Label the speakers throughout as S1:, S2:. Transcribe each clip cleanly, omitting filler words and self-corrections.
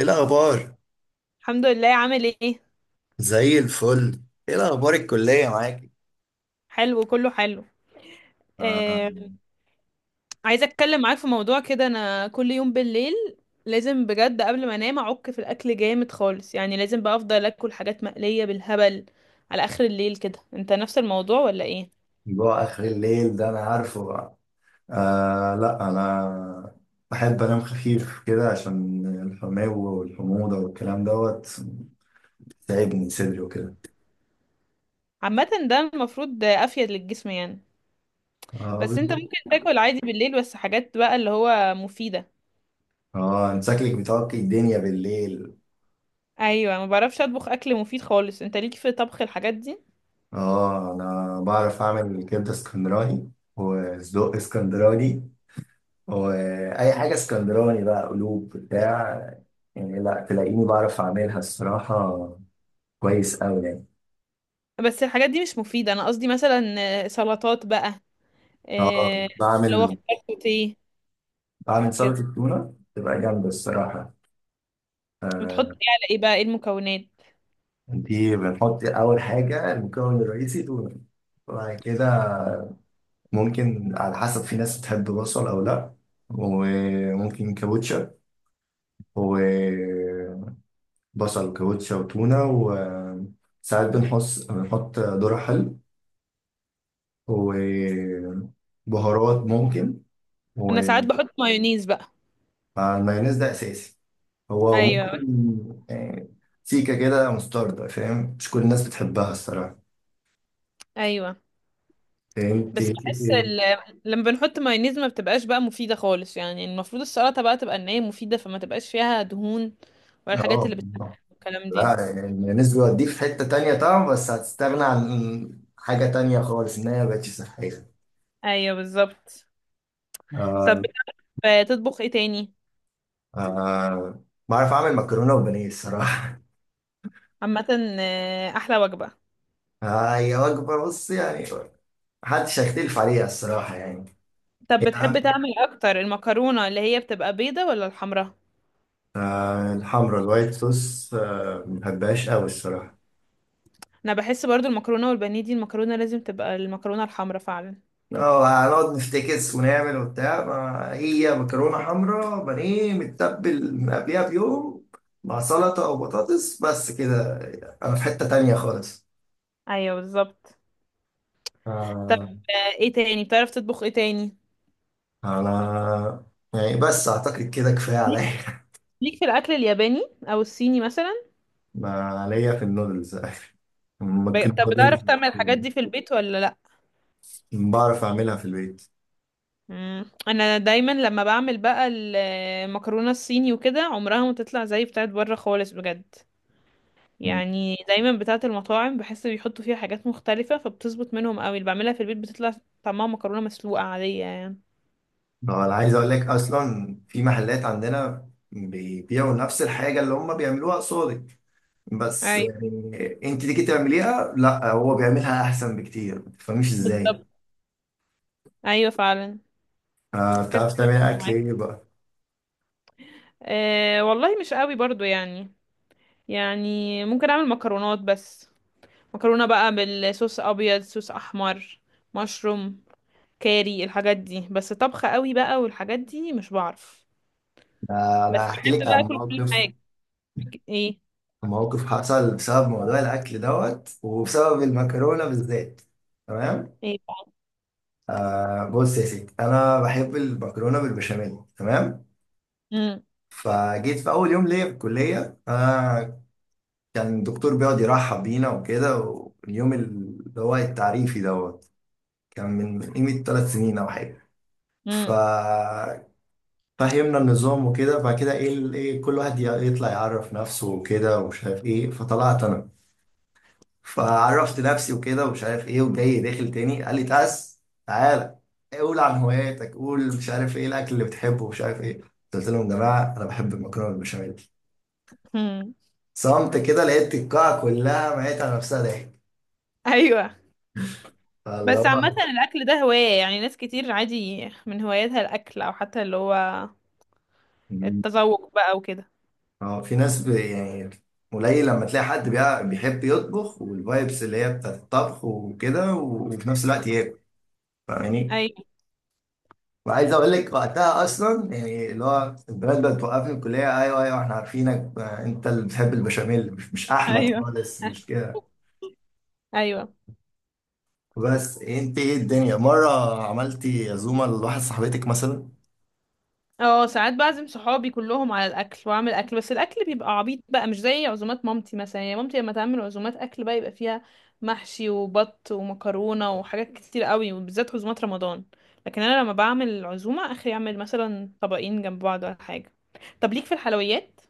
S1: ايه الاخبار؟
S2: الحمد لله، عامل ايه؟
S1: زي الفل. ايه الاخبار الكليه معاك؟
S2: حلو، كله حلو.
S1: آه.
S2: آه، عايزه اتكلم معاك في موضوع كده. انا كل يوم بالليل لازم بجد قبل ما انام اعك في الاكل جامد خالص، يعني لازم بقى افضل اكل حاجات مقليه بالهبل على اخر الليل كده. انت نفس الموضوع ولا ايه؟
S1: جوع آخر الليل ده أنا عارفه بقى. آه، لا أنا بحب أنام خفيف كده عشان الحماوة والحموضة والكلام دوت تعب من صدري وكده.
S2: عامه ده المفروض افيد للجسم يعني.
S1: اه،
S2: بس انت
S1: بالظبط.
S2: ممكن تاكل عادي بالليل، بس حاجات بقى اللي هو مفيده.
S1: اه، انت شكلك بتعكي الدنيا بالليل.
S2: ايوه، ما بعرفش اطبخ اكل مفيد خالص. انت ليك في طبخ الحاجات دي؟
S1: اه انا بعرف اعمل كبده اسكندراني وسجق اسكندراني واي حاجه اسكندراني بقى، قلوب بتاع، يعني لا تلاقيني بعرف اعملها الصراحه، كويس قوي يعني.
S2: بس الحاجات دي مش مفيده، انا قصدي مثلا سلطات بقى.
S1: اه
S2: آه، اللي هو
S1: بعمل.
S2: خضار سوتيه كده.
S1: سلطه التونه تبقى جامده الصراحه.
S2: بتحط
S1: آه.
S2: ايه على ايه بقى؟ ايه المكونات؟
S1: دي بنحط اول حاجه المكون الرئيسي تونه. وبعد كده ممكن على حسب، في ناس بتحب بصل او لا، وممكن كابوتشا وبصل وكابوتشا وتونه، وساعات بنحط. ذرة حلو وبهارات ممكن.
S2: انا ساعات بحط مايونيز بقى.
S1: والمايونيز ده اساسي. هو
S2: ايوه.
S1: ممكن. آه، سيكه كده مستردة فاهم، مش كل الناس بتحبها الصراحه.
S2: ايوه،
S1: انت
S2: بس بحس
S1: كده-
S2: لما بنحط مايونيز ما بتبقاش بقى مفيده خالص، يعني المفروض السلطه بقى تبقى ان هي مفيده، فما تبقاش فيها دهون ولا الحاجات
S1: اه
S2: اللي بتتعمل الكلام دي.
S1: لا، يعني المايونيز بيوديك في حته تانية طبعا، بس هتستغنى عن حاجه تانية خالص ان هي مبقتش صحيه.
S2: ايوه بالظبط. طب
S1: آه.
S2: بتعرف تطبخ ايه تاني؟
S1: آه بعرف اعمل مكرونه وبانيه الصراحه.
S2: عامه احلى وجبه.
S1: هي وجبه بص يعني، محدش هيختلف عليها الصراحه يعني.
S2: طب بتحب
S1: يعني
S2: تعمل اكتر المكرونه اللي هي بتبقى بيضه ولا الحمراء؟
S1: آه، الحمرا الوايت صوص، آه، ما بحبهاش قوي الصراحة.
S2: انا بحس برضو المكرونه والبانيه دي المكرونه لازم تبقى المكرونه الحمراء فعلا.
S1: اه هنقعد نفتكس ونعمل وبتاع، ما هي مكرونة حمراء بانيه متبل من قبلها بيوم مع سلطة أو بطاطس، بس كده أنا في حتة تانية خالص.
S2: ايوه بالظبط. طب
S1: آه،
S2: ايه تاني، بتعرف تطبخ ايه تاني؟
S1: أنا يعني بس أعتقد كده كفاية
S2: ليك
S1: عليا.
S2: ليك في الاكل الياباني او الصيني مثلا؟
S1: ما عليا في النودلز. ممكن
S2: طب بتعرف
S1: نودلز.
S2: تعمل الحاجات دي في البيت ولا لا؟
S1: بعرف أعملها في البيت.
S2: مم. انا دايما لما بعمل بقى المكرونه الصيني وكده عمرها ما تطلع زي بتاعت بره خالص بجد، يعني دايما بتاعت المطاعم بحس بيحطوا فيها حاجات مختلفه فبتظبط منهم قوي، اللي بعملها في البيت بتطلع طعمها مكرونه مسلوقه عاديه يعني.
S1: اه انا عايز اقول لك اصلا، في محلات عندنا بيبيعوا نفس الحاجه اللي هم بيعملوها قصادك، بس
S2: ايوه
S1: يعني انت تيجي تعمليها لا، هو بيعملها احسن بكتير، ما تفهميش ازاي.
S2: بالظبط. ايوه فعلا.
S1: آه،
S2: كذا
S1: بتعرف تعمل
S2: حاجة بتبقى
S1: اكل
S2: معايا.
S1: ايه بقى؟
S2: أه والله مش قوي برضو يعني، يعني ممكن اعمل مكرونات بس، مكرونة بقى بالصوص ابيض، صوص احمر، مشروم، كاري، الحاجات دي بس. طبخ قوي بقى والحاجات دي مش بعرف.
S1: آه
S2: بس
S1: انا هحكي
S2: بحب
S1: لك
S2: بقى
S1: عن
S2: اكل كل
S1: موقف،
S2: حاجة. ايه؟
S1: موقف حصل بسبب موضوع الاكل دوت وبسبب المكرونه بالذات. تمام.
S2: ايه بقى؟
S1: آه بص يا ستي، انا بحب المكرونه بالبشاميل، تمام.
S2: مم.
S1: فجيت في اول يوم ليا في الكليه. انا كان الدكتور بيقعد يرحب بينا وكده، واليوم اللي هو التعريفي دوت كان من قيمة ثلاث سنين أو حاجة.
S2: مم.
S1: ففهمنا النظام وكده. بعد كده إيه ال- إيه كل واحد يطلع يعرف نفسه وكده ومش عارف إيه. فطلعت أنا فعرفت نفسي وكده ومش عارف إيه. وجاي داخل تاني قال لي تعالى قول عن هواياتك، قول مش عارف إيه الأكل اللي بتحبه ومش عارف إيه. قلت لهم يا جماعة أنا بحب المكرونة بالبشاميل.
S2: مم.
S1: صمت كده، لقيت القاعة كلها ميت على نفسها ضحك.
S2: ايوه.
S1: فاللي
S2: بس
S1: هو
S2: عامة الاكل ده هواية، يعني ناس كتير عادي من هواياتها الاكل، او حتى اللي هو التذوق بقى وكده.
S1: اه، في ناس يعني قليل لما تلاقي حد بيحب يطبخ، والفايبس اللي هي بتاعت الطبخ وكده، وفي نفس الوقت ياكل. فاهماني؟
S2: ايوه.
S1: وعايز اقول لك وقتها اصلا يعني، اللي هو البنات بقت توقفني في الكليه، ايوه ايوه احنا عارفينك، آه، انت اللي بتحب البشاميل، مش احمد
S2: ايوه.
S1: خالص، مش كده؟
S2: ايوه.
S1: بس انت ايه الدنيا، مره عملتي عزومه لواحد صاحبتك مثلا؟
S2: اه، ساعات بعزم صحابي كلهم على الاكل واعمل اكل، بس الاكل بيبقى عبيط بقى مش زي عزومات مامتي مثلا. يعني مامتي لما تعمل عزومات اكل بقى يبقى فيها محشي وبط ومكرونه وحاجات كتير قوي، وبالذات عزومات رمضان. لكن انا لما بعمل عزومه اخري اعمل مثلا طبقين جنب بعض ولا حاجه. طب ليك في الحلويات؟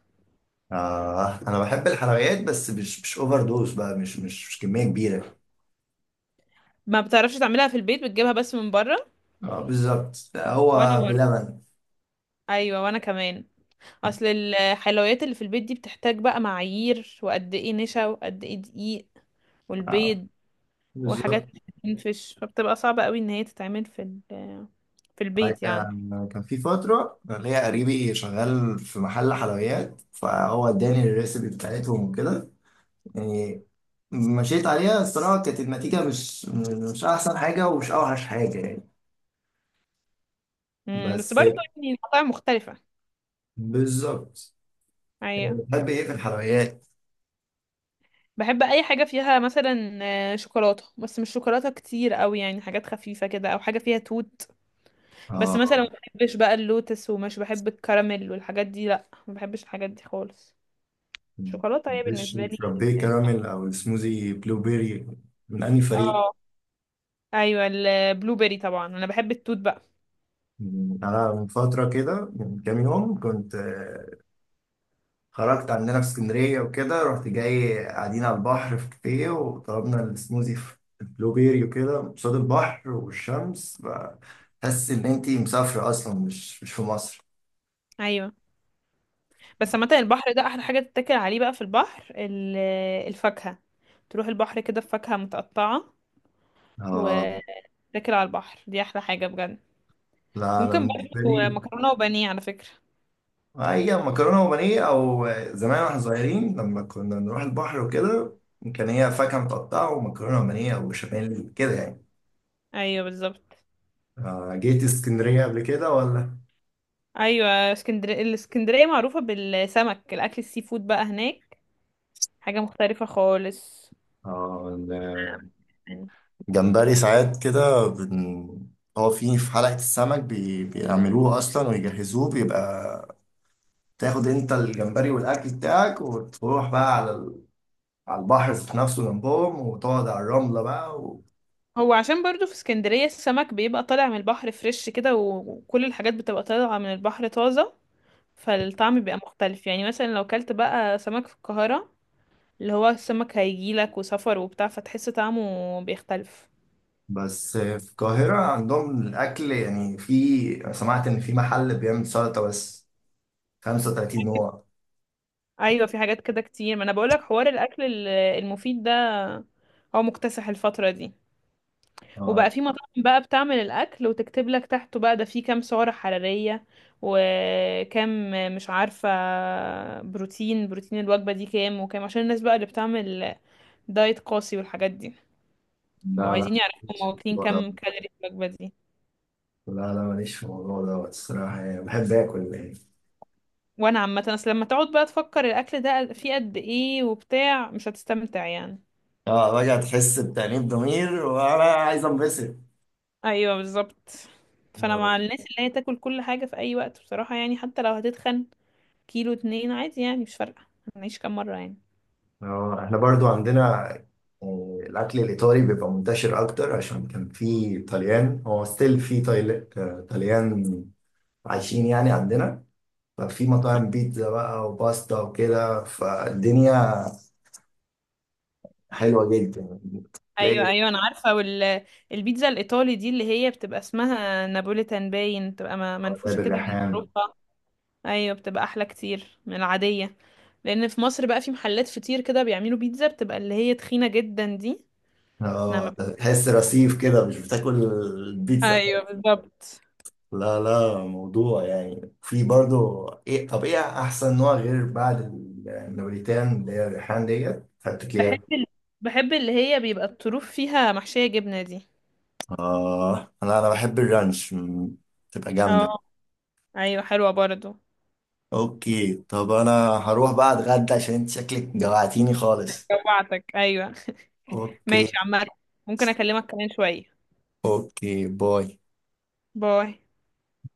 S1: آه انا بحب الحلويات بس مش اوفر دوز بقى، مش كميه كبيره.
S2: ما بتعرفش تعملها في البيت، بتجيبها بس من بره؟
S1: اه بالظبط،
S2: وانا
S1: هو
S2: برضه.
S1: بلبن.
S2: ايوه، وانا كمان. اصل الحلويات اللي في البيت دي بتحتاج بقى معايير، وقد ايه نشا وقد ايه دقيق
S1: آه.
S2: والبيض
S1: بالظبط.
S2: وحاجات بتنفش، فبتبقى صعبة قوي ان هي تتعمل في
S1: أنا
S2: البيت يعني.
S1: كان في فترة ليا قريبي شغال في محل حلويات، فهو اداني الريسيبي بتاعتهم وكده. يعني مشيت عليها الصراحة، كانت النتيجة مش أحسن حاجة ومش أوحش حاجة يعني.
S2: بس
S1: بس
S2: برضه يعني المطاعم مختلفة.
S1: بالظبط.
S2: ايوه.
S1: بتحب إيه في الحلويات؟
S2: بحب اي حاجة فيها مثلا شوكولاتة، بس مش شوكولاتة كتير قوي، يعني حاجات خفيفة كده او حاجة فيها توت. بس
S1: آه
S2: مثلا ما بحبش بقى اللوتس ومش بحب الكراميل والحاجات دي، لا ما بحبش الحاجات دي خالص. شوكولاتة هي
S1: ديش
S2: بالنسبة لي.
S1: فرابيه كراميل أو السموزي بلو بيري، من أنهي فريق؟
S2: اه. ايوه البلو بيري طبعا، انا بحب التوت بقى.
S1: يعني أنا من فترة كده، من كام يوم كنت خرجت عندنا في اسكندرية وكده، رحت جاي قاعدين على البحر في كافيه وطلبنا السموزي في بلوبيري وكده قصاد البحر والشمس. بحس إن أنتي مسافرة أصلا، مش في مصر.
S2: ايوه، بس عامة البحر ده أحلى حاجة تتاكل عليه بقى. في البحر الفاكهة، تروح البحر كده بفاكهة متقطعة
S1: آه،
S2: وتاكل على البحر، دي أحلى حاجة بجد.
S1: لا أنا
S2: ممكن
S1: بالنسبة
S2: برضه
S1: لي
S2: مكرونة وبانيه على فكرة.
S1: هي مكرونة وبانيه، أو زمان واحنا صغيرين لما كنا نروح البحر وكده، كان هي فاكهة متقطعة ومكرونة وبانيه أو بشاميل كده يعني.
S2: أيوة بالظبط.
S1: آه، جيت اسكندرية قبل كده ولا؟
S2: أيوة اسكندرية. الاسكندرية معروفة بالسمك، الأكل السي فود بقى هناك حاجة مختلفة خالص.
S1: آه.
S2: يعني
S1: جمبري ساعات كده هو في في حلقة السمك بيعملوه أصلا ويجهزوه، بيبقى تاخد أنت الجمبري والأكل بتاعك وتروح بقى على على البحر في نفسه جنبهم، وتقعد على الرملة بقى
S2: هو عشان برضو في اسكندرية السمك بيبقى طالع من البحر فريش كده، وكل الحاجات بتبقى طالعة من البحر طازة، فالطعم بيبقى مختلف. يعني مثلا لو كلت بقى سمك في القاهرة، اللي هو السمك هيجيلك وسفر وبتاع فتحس طعمه بيختلف.
S1: بس في القاهرة عندهم الأكل يعني، في، أنا سمعت إن في محل بيعمل سلطة بس 35 نوع.
S2: ايوه، في حاجات كده كتير. ما انا بقولك حوار الاكل المفيد ده هو مكتسح الفتره دي.
S1: آه،
S2: وبقى في مطاعم بقى بتعمل الاكل وتكتب لك تحته بقى ده فيه كام سعره حراريه، وكام مش عارفه، بروتين الوجبه دي كام وكام، عشان الناس بقى اللي بتعمل دايت قاسي والحاجات دي، يبقوا
S1: لا لا
S2: عايزين يعرفوا
S1: ماليش
S2: هما
S1: في
S2: واكلين
S1: الموضوع
S2: كام
S1: ده.
S2: كالوري في الوجبه دي.
S1: لا لا ماليش في الموضوع ده الصراحة، يعني بحب آكل يعني.
S2: وانا عامه اصل لما تقعد بقى تفكر الاكل ده فيه قد ايه وبتاع مش هتستمتع يعني.
S1: اه راجع تحس بتأنيب ضمير وانا عايز انبسط.
S2: ايوه بالظبط. فانا مع
S1: آه،
S2: الناس اللي هي تاكل كل حاجه في اي وقت بصراحه، يعني حتى لو هتتخن كيلو اتنين عادي يعني مش فارقه، هنعيش كام مره يعني.
S1: آه، احنا برضو عندنا آه، الاكل الايطالي بيبقى منتشر اكتر عشان كان في طليان، هو ستيل في آه، طليان عايشين يعني عندنا. ففي مطاعم بيتزا بقى وباستا وكده، فالدنيا حلوة جدا.
S2: ايوه،
S1: تلاقي
S2: ايوه انا عارفه، البيتزا الايطالي دي اللي هي بتبقى اسمها نابوليتان باين، بتبقى
S1: آه، ده
S2: منفوشه كده من
S1: بالريحان.
S2: اوروبا. ايوه بتبقى احلى كتير من العاديه. لان في مصر بقى في محلات فطير كده بيعملوا بيتزا بتبقى اللي هي تخينه جدا دي. انا
S1: اه
S2: ما ب...
S1: تحس رصيف كده مش بتاكل البيتزا.
S2: ايوه بالظبط.
S1: لا لا موضوع يعني، في برضو ايه، طب ايه احسن نوع غير بعد النابريتان اللي هي الريحان ديت هاتك
S2: بحب
S1: ليها؟
S2: ال... بحب اللي هي بيبقى الطروف فيها محشية جبنة دي.
S1: اه انا بحب الرانش، مم، تبقى جامده.
S2: اه. ايوه، حلوة برضو.
S1: اوكي طب انا هروح بقى اتغدى عشان انت شكلك جوعتيني خالص.
S2: جوعتك ايوه.
S1: اوكي.
S2: ماشي عمال، ممكن اكلمك كمان شوية؟
S1: اوكي. باي.
S2: باي.